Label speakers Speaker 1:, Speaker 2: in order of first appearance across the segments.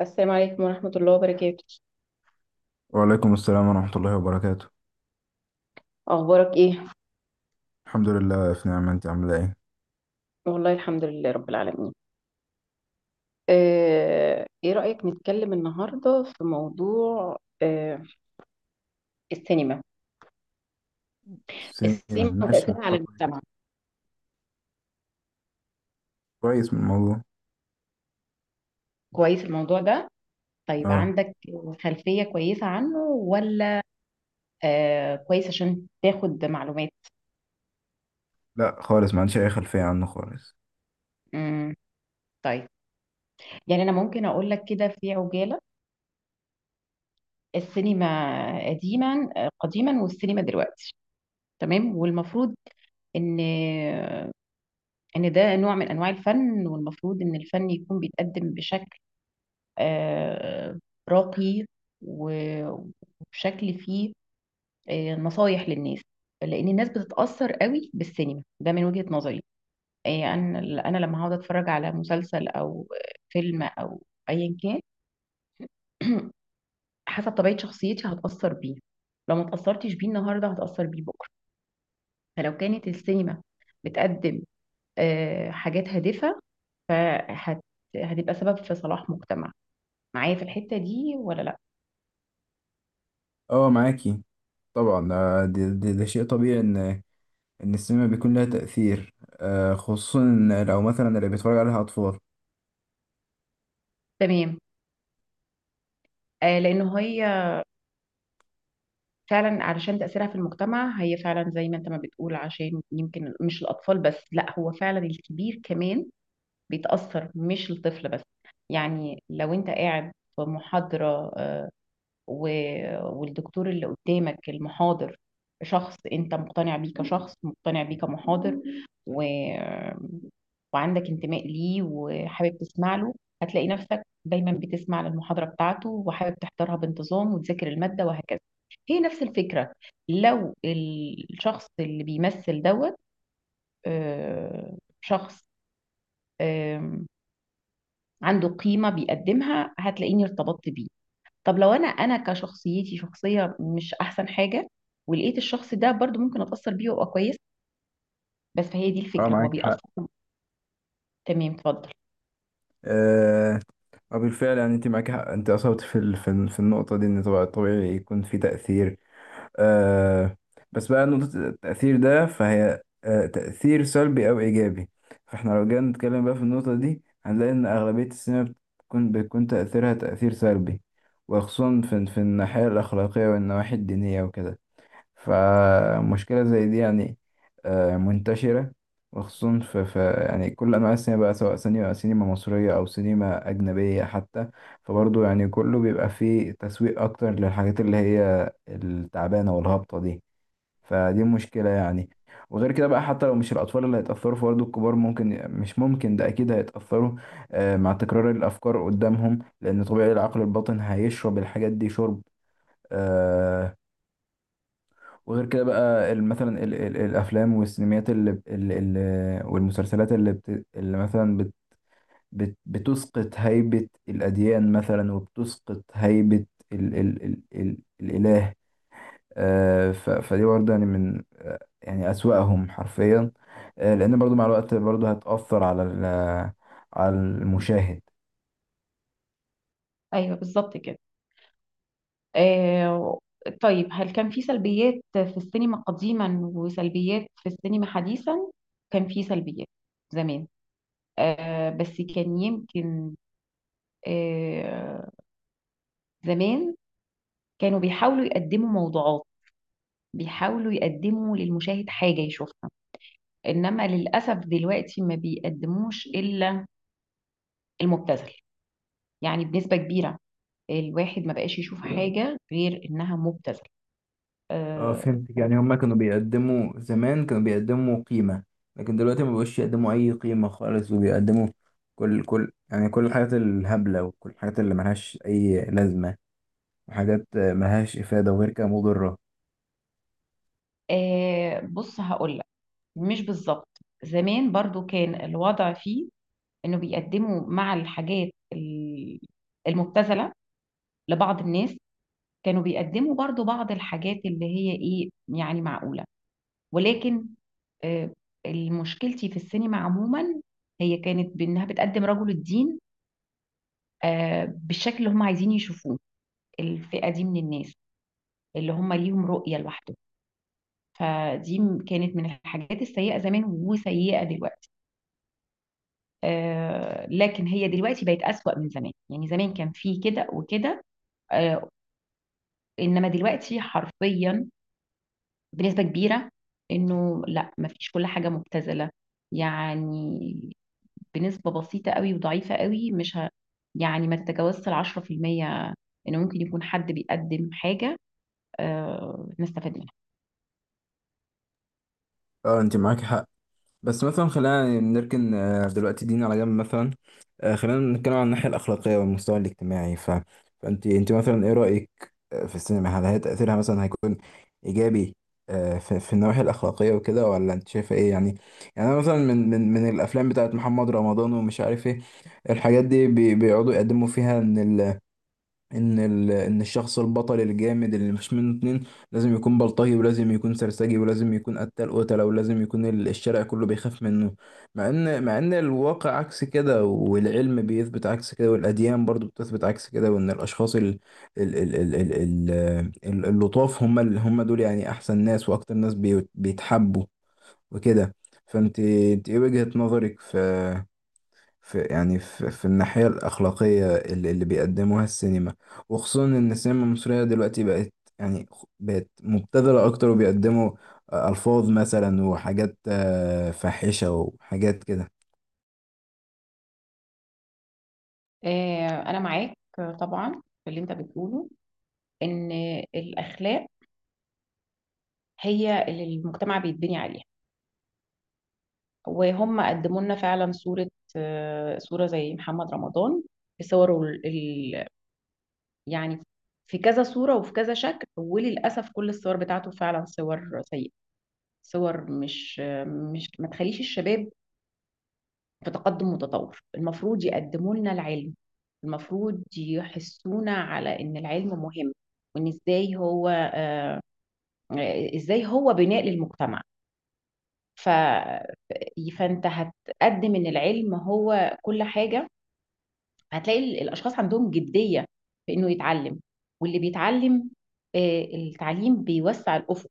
Speaker 1: السلام عليكم ورحمة الله وبركاته.
Speaker 2: وعليكم السلام ورحمة الله وبركاته.
Speaker 1: أخبارك إيه؟
Speaker 2: الحمد لله في نعمة. انت عاملة ايه؟
Speaker 1: والله الحمد لله رب العالمين. إيه رأيك نتكلم النهاردة في موضوع آه، السينما.
Speaker 2: السنين
Speaker 1: السينما
Speaker 2: ماشي
Speaker 1: وتأثيرها على
Speaker 2: مخطط
Speaker 1: المجتمع.
Speaker 2: كويس من الموضوع.
Speaker 1: كويس الموضوع ده؟ طيب
Speaker 2: اه.
Speaker 1: عندك خلفية كويسة عنه ولا كويس عشان تاخد معلومات؟
Speaker 2: لا خالص، ما عنديش اي خلفية عنه خالص.
Speaker 1: مم، طيب، يعني أنا ممكن أقول لك كده في عجالة. السينما قديما، قديما، والسينما دلوقتي. تمام، والمفروض ان ان ده نوع من انواع الفن، والمفروض ان الفن يكون بيتقدم بشكل آه، راقي، و- وبشكل فيه نصايح للناس، لان الناس بتتاثر قوي بالسينما، ده من وجهه نظري. آه، انا انا لما هقعد اتفرج على مسلسل او فيلم او ايا كان حسب طبيعه شخصيتي هتاثر بيه. لو ما اتاثرتش بيه النهارده هتاثر بيه بكره. فلو كانت السينما بتقدم حاجات هادفه، فهت هتبقى سبب في صلاح مجتمع. معايا في الحتة دي ولا لا؟
Speaker 2: اه معاكي. طبعا ده شيء طبيعي ان السينما بيكون لها تأثير. خصوصا إن لو مثلا اللي بيتفرج عليها اطفال.
Speaker 1: تمام. آه، لأنه هي فعلا علشان تأثيرها في المجتمع، هي فعلا زي ما انت ما بتقول، عشان يمكن مش الأطفال بس، لا هو فعلا الكبير كمان بيتأثر، مش الطفل بس. يعني لو انت قاعد في محاضرة، والدكتور اللي قدامك المحاضر شخص انت مقتنع بيه كشخص، مقتنع بيه كمحاضر، و... وعندك انتماء ليه وحابب تسمع له، هتلاقي نفسك دايما بتسمع للمحاضرة بتاعته وحابب تحضرها بانتظام وتذاكر المادة وهكذا. هي نفس الفكرة. لو الشخص اللي بيمثل دوت شخص آم، عنده قيمة بيقدمها، هتلاقيني ارتبطت بيه. طب لو انا كشخصيتي، شخصيه مش احسن حاجه، ولقيت الشخص ده برضو ممكن اتاثر بيه وابقى كويس. بس فهي دي
Speaker 2: اه
Speaker 1: الفكره، هو
Speaker 2: معاك حق.
Speaker 1: بيأثر. تمام، اتفضل.
Speaker 2: آه بالفعل، يعني انت معاك حق، انت اصبت في في النقطة دي، ان طبعا طبيعي يكون في تأثير. آه بس بقى نقطة التأثير ده، فهي تأثير سلبي أو إيجابي. فاحنا لو جينا نتكلم بقى في النقطة دي هنلاقي إن أغلبية السينما بيكون تأثيرها تأثير سلبي، وخصوصا في الناحية الأخلاقية والنواحي الدينية وكده. فمشكلة زي دي يعني منتشرة، وخصوصا في يعني كل أنواع السينما بقى، سواء سينما مصرية أو سينما أجنبية حتى. فبرضه يعني كله بيبقى فيه تسويق أكتر للحاجات اللي هي التعبانة والهابطة دي. فدي مشكلة يعني. وغير كده بقى، حتى لو مش الأطفال اللي هيتأثروا فبرضه الكبار ممكن، مش ممكن، ده أكيد هيتأثروا مع تكرار الأفكار قدامهم، لأن طبيعي العقل الباطن هيشرب الحاجات دي شرب. آه، وغير كده بقى، مثلا ال الافلام والسينميات ال والمسلسلات اللي مثلا بت بت بتسقط هيبة الاديان، مثلا، وبتسقط هيبة ال ال ال ال الاله آه ف فدي برضه يعني من يعني اسوأهم حرفيا. لان برضه مع الوقت برضه هتأثر على على المشاهد.
Speaker 1: ايوه بالظبط كده. آه. طيب هل كان في سلبيات في السينما قديما وسلبيات في السينما حديثا؟ كان في سلبيات زمان، آه، بس كان يمكن، آه زمان كانوا بيحاولوا يقدموا موضوعات، بيحاولوا يقدموا للمشاهد حاجه يشوفها. انما للاسف دلوقتي ما بيقدموش الا المبتذل، يعني بنسبه كبيره. الواحد ما بقاش يشوف حاجه غير انها مبتذل.
Speaker 2: اه
Speaker 1: آه.
Speaker 2: فهمتك. يعني هما كانوا بيقدموا زمان، كانوا بيقدموا قيمة، لكن دلوقتي ما بقوش يقدموا أي قيمة خالص، وبيقدموا كل يعني كل الحاجات الهبلة وكل الحاجات اللي ملهاش أي لازمة وحاجات ملهاش إفادة، وغير كده مضرة.
Speaker 1: آه، بص هقول لك، مش بالظبط. زمان برضو كان الوضع فيه انه بيقدموا مع الحاجات المبتذله لبعض الناس، كانوا بيقدموا برضو بعض الحاجات اللي هي ايه، يعني معقوله. ولكن آه، مشكلتي في السينما عموما هي كانت بانها بتقدم رجل الدين بالشكل اللي هم عايزين يشوفوه، الفئة دي من الناس اللي هم ليهم رؤية لوحده. فدي كانت من الحاجات السيئة زمان وسيئة دلوقتي. آه، لكن هي دلوقتي بقت أسوأ من زمان، يعني زمان كان في كده وكده، آه، إنما دلوقتي حرفيا بنسبة كبيرة، إنه لا مفيش، كل حاجة مبتذلة، يعني بنسبة بسيطة قوي وضعيفة قوي، مش ه... يعني ما تتجاوزش 10% إنه ممكن يكون حد بيقدم حاجة نستفاد منها.
Speaker 2: اه انت معاك حق. بس مثلا خلينا نركن دلوقتي دين على جنب مثلا. خلينا نتكلم عن الناحية الأخلاقية والمستوى الاجتماعي. ف... فأنت مثلا إيه رأيك في السينما؟ هل هي تأثيرها مثلا هيكون إيجابي في النواحي الأخلاقية وكده، ولا أنت شايفة إيه يعني؟ يعني أنا مثلا من الأفلام بتاعت محمد رمضان، ومش عارف إيه، الحاجات دي بيقعدوا يقدموا فيها إن ان الشخص البطل الجامد اللي مش منه اتنين، لازم يكون بلطجي، ولازم يكون سرسجي، ولازم يكون قتال قتله، ولازم يكون الشارع كله بيخاف منه. مع ان الواقع عكس كده، والعلم بيثبت عكس كده، والاديان برضو بتثبت عكس كده، وان الاشخاص ال... ال... ال... ال... اللطاف، هم هم دول يعني احسن ناس واكتر ناس بيتحبوا وكده. فانت ايه وجهة نظرك في يعني في الناحية الأخلاقية اللي بيقدموها السينما، وخصوصا إن السينما المصرية دلوقتي بقت، يعني بقت مبتذلة أكتر، وبيقدموا ألفاظ مثلا وحاجات فاحشة وحاجات كده.
Speaker 1: أنا معاك، طبعا، في اللي أنت بتقوله، إن الأخلاق هي اللي المجتمع بيتبني عليها. وهم قدموا لنا فعلا صورة، صورة زي محمد رمضان، في صوره ال... ال- يعني في كذا صورة وفي كذا شكل، وللأسف كل الصور بتاعته فعلا صور سيئة، صور مش، مش ما تخليش الشباب في تقدم متطور. المفروض يقدموا لنا العلم، المفروض يحسونا على ان العلم مهم، وان ازاي هو ازاي هو بناء للمجتمع. ف... فانت هتقدم ان العلم هو كل حاجه، هتلاقي الاشخاص عندهم جديه في انه يتعلم. واللي بيتعلم التعليم بيوسع الافق،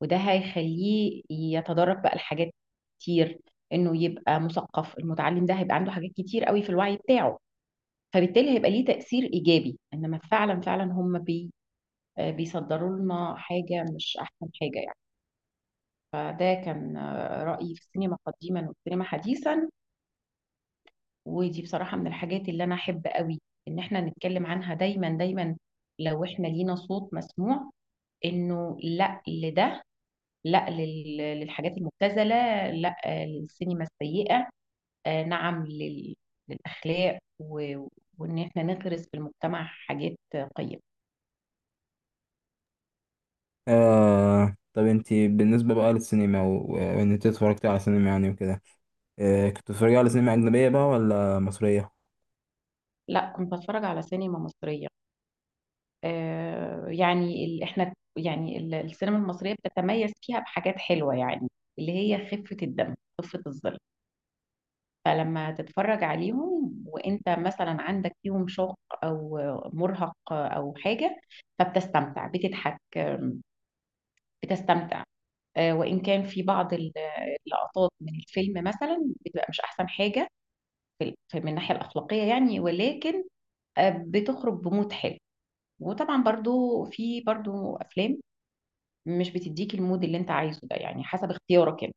Speaker 1: وده هيخليه يتدرج بقى لحاجات كتير، انه يبقى مثقف. المتعلم ده هيبقى عنده حاجات كتير قوي في الوعي بتاعه، فبالتالي هيبقى ليه تأثير إيجابي. إنما فعلا فعلا هم بي آه، بيصدروا لنا حاجة مش أحسن حاجة يعني. فده كان رأيي في السينما قديما والسينما حديثا. ودي بصراحة من الحاجات اللي أنا أحب قوي إن إحنا نتكلم عنها دايما دايما، لو إحنا لينا صوت مسموع، إنه لأ لده، لأ للحاجات المبتذلة، لأ للسينما السيئة، نعم للأخلاق، وإن إحنا نغرس في المجتمع حاجات قيمة.
Speaker 2: طب انتي بالنسبة بقى للسينما، وإن انت اتفرجت على سينما يعني وكده، كنت بتتفرجي على سينما أجنبية بقى ولا مصرية؟
Speaker 1: لا كنت بتفرج على سينما مصرية. آه، يعني احنا يعني السينما المصرية بتتميز فيها بحاجات حلوة يعني، اللي هي خفة الدم، خفة الظل. فلما تتفرج عليهم وانت مثلا عندك فيهم شوق او مرهق او حاجة، فبتستمتع، بتضحك، بتستمتع. آه، وان كان في بعض اللقطات من الفيلم مثلا بتبقى مش احسن حاجة من الناحية الأخلاقية يعني، ولكن بتخرج بمود حلو. وطبعا برضو في برضو افلام مش بتديك المود اللي انت عايزه ده، يعني حسب اختيارك انت.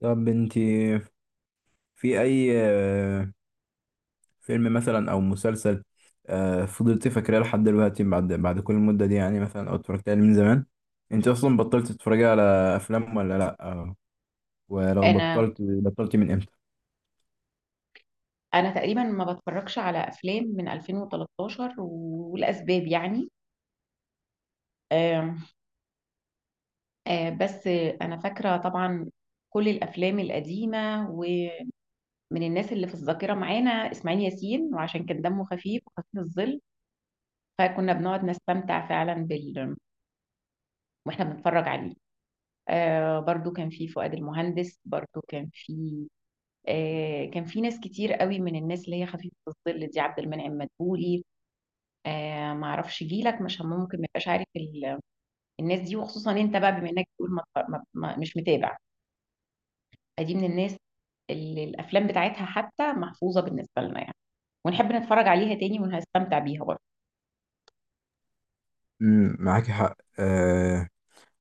Speaker 2: طب انتي في أي فيلم مثلا او مسلسل فضلت فاكراه لحد دلوقتي، بعد كل المدة دي، يعني مثلا او اتفرجت عليه من زمان؟ انت اصلا بطلت تتفرجي على افلام ولا لا ولو
Speaker 1: انا
Speaker 2: بطلت، بطلتي من امتى؟
Speaker 1: انا تقريبا ما بتفرجش على افلام من 2013، والاسباب يعني، آم، آه، بس انا فاكره طبعا كل الافلام القديمه، ومن الناس اللي في الذاكره معانا اسماعيل ياسين، وعشان كان دمه خفيف وخفيف الظل، فكنا بنقعد نستمتع فعلا واحنا بنتفرج عليه. آه، برضو كان في فؤاد المهندس، برضو كان في ناس كتير قوي من الناس اللي هي خفيفة الظل دي، عبد المنعم مدبولي. ما اعرفش جيلك مش ممكن ما يبقاش عارف الناس دي، وخصوصا انت بقى بما انك بتقول ما مش متابع. دي من الناس اللي الافلام بتاعتها حتى محفوظة بالنسبة لنا يعني، ونحب نتفرج عليها تاني وهستمتع بيها برضه.
Speaker 2: معاكي حق.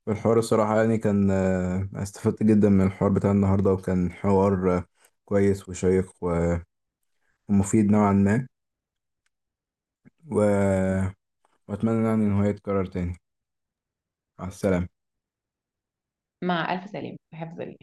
Speaker 2: الحوار الصراحة يعني كان استفدت جدا من الحوار بتاع النهاردة، وكان حوار كويس وشيق ومفيد نوعا ما و... وأتمنى يعني إن هو يتكرر تاني. مع السلامة.
Speaker 1: مع الف سلامة في حفظ الله.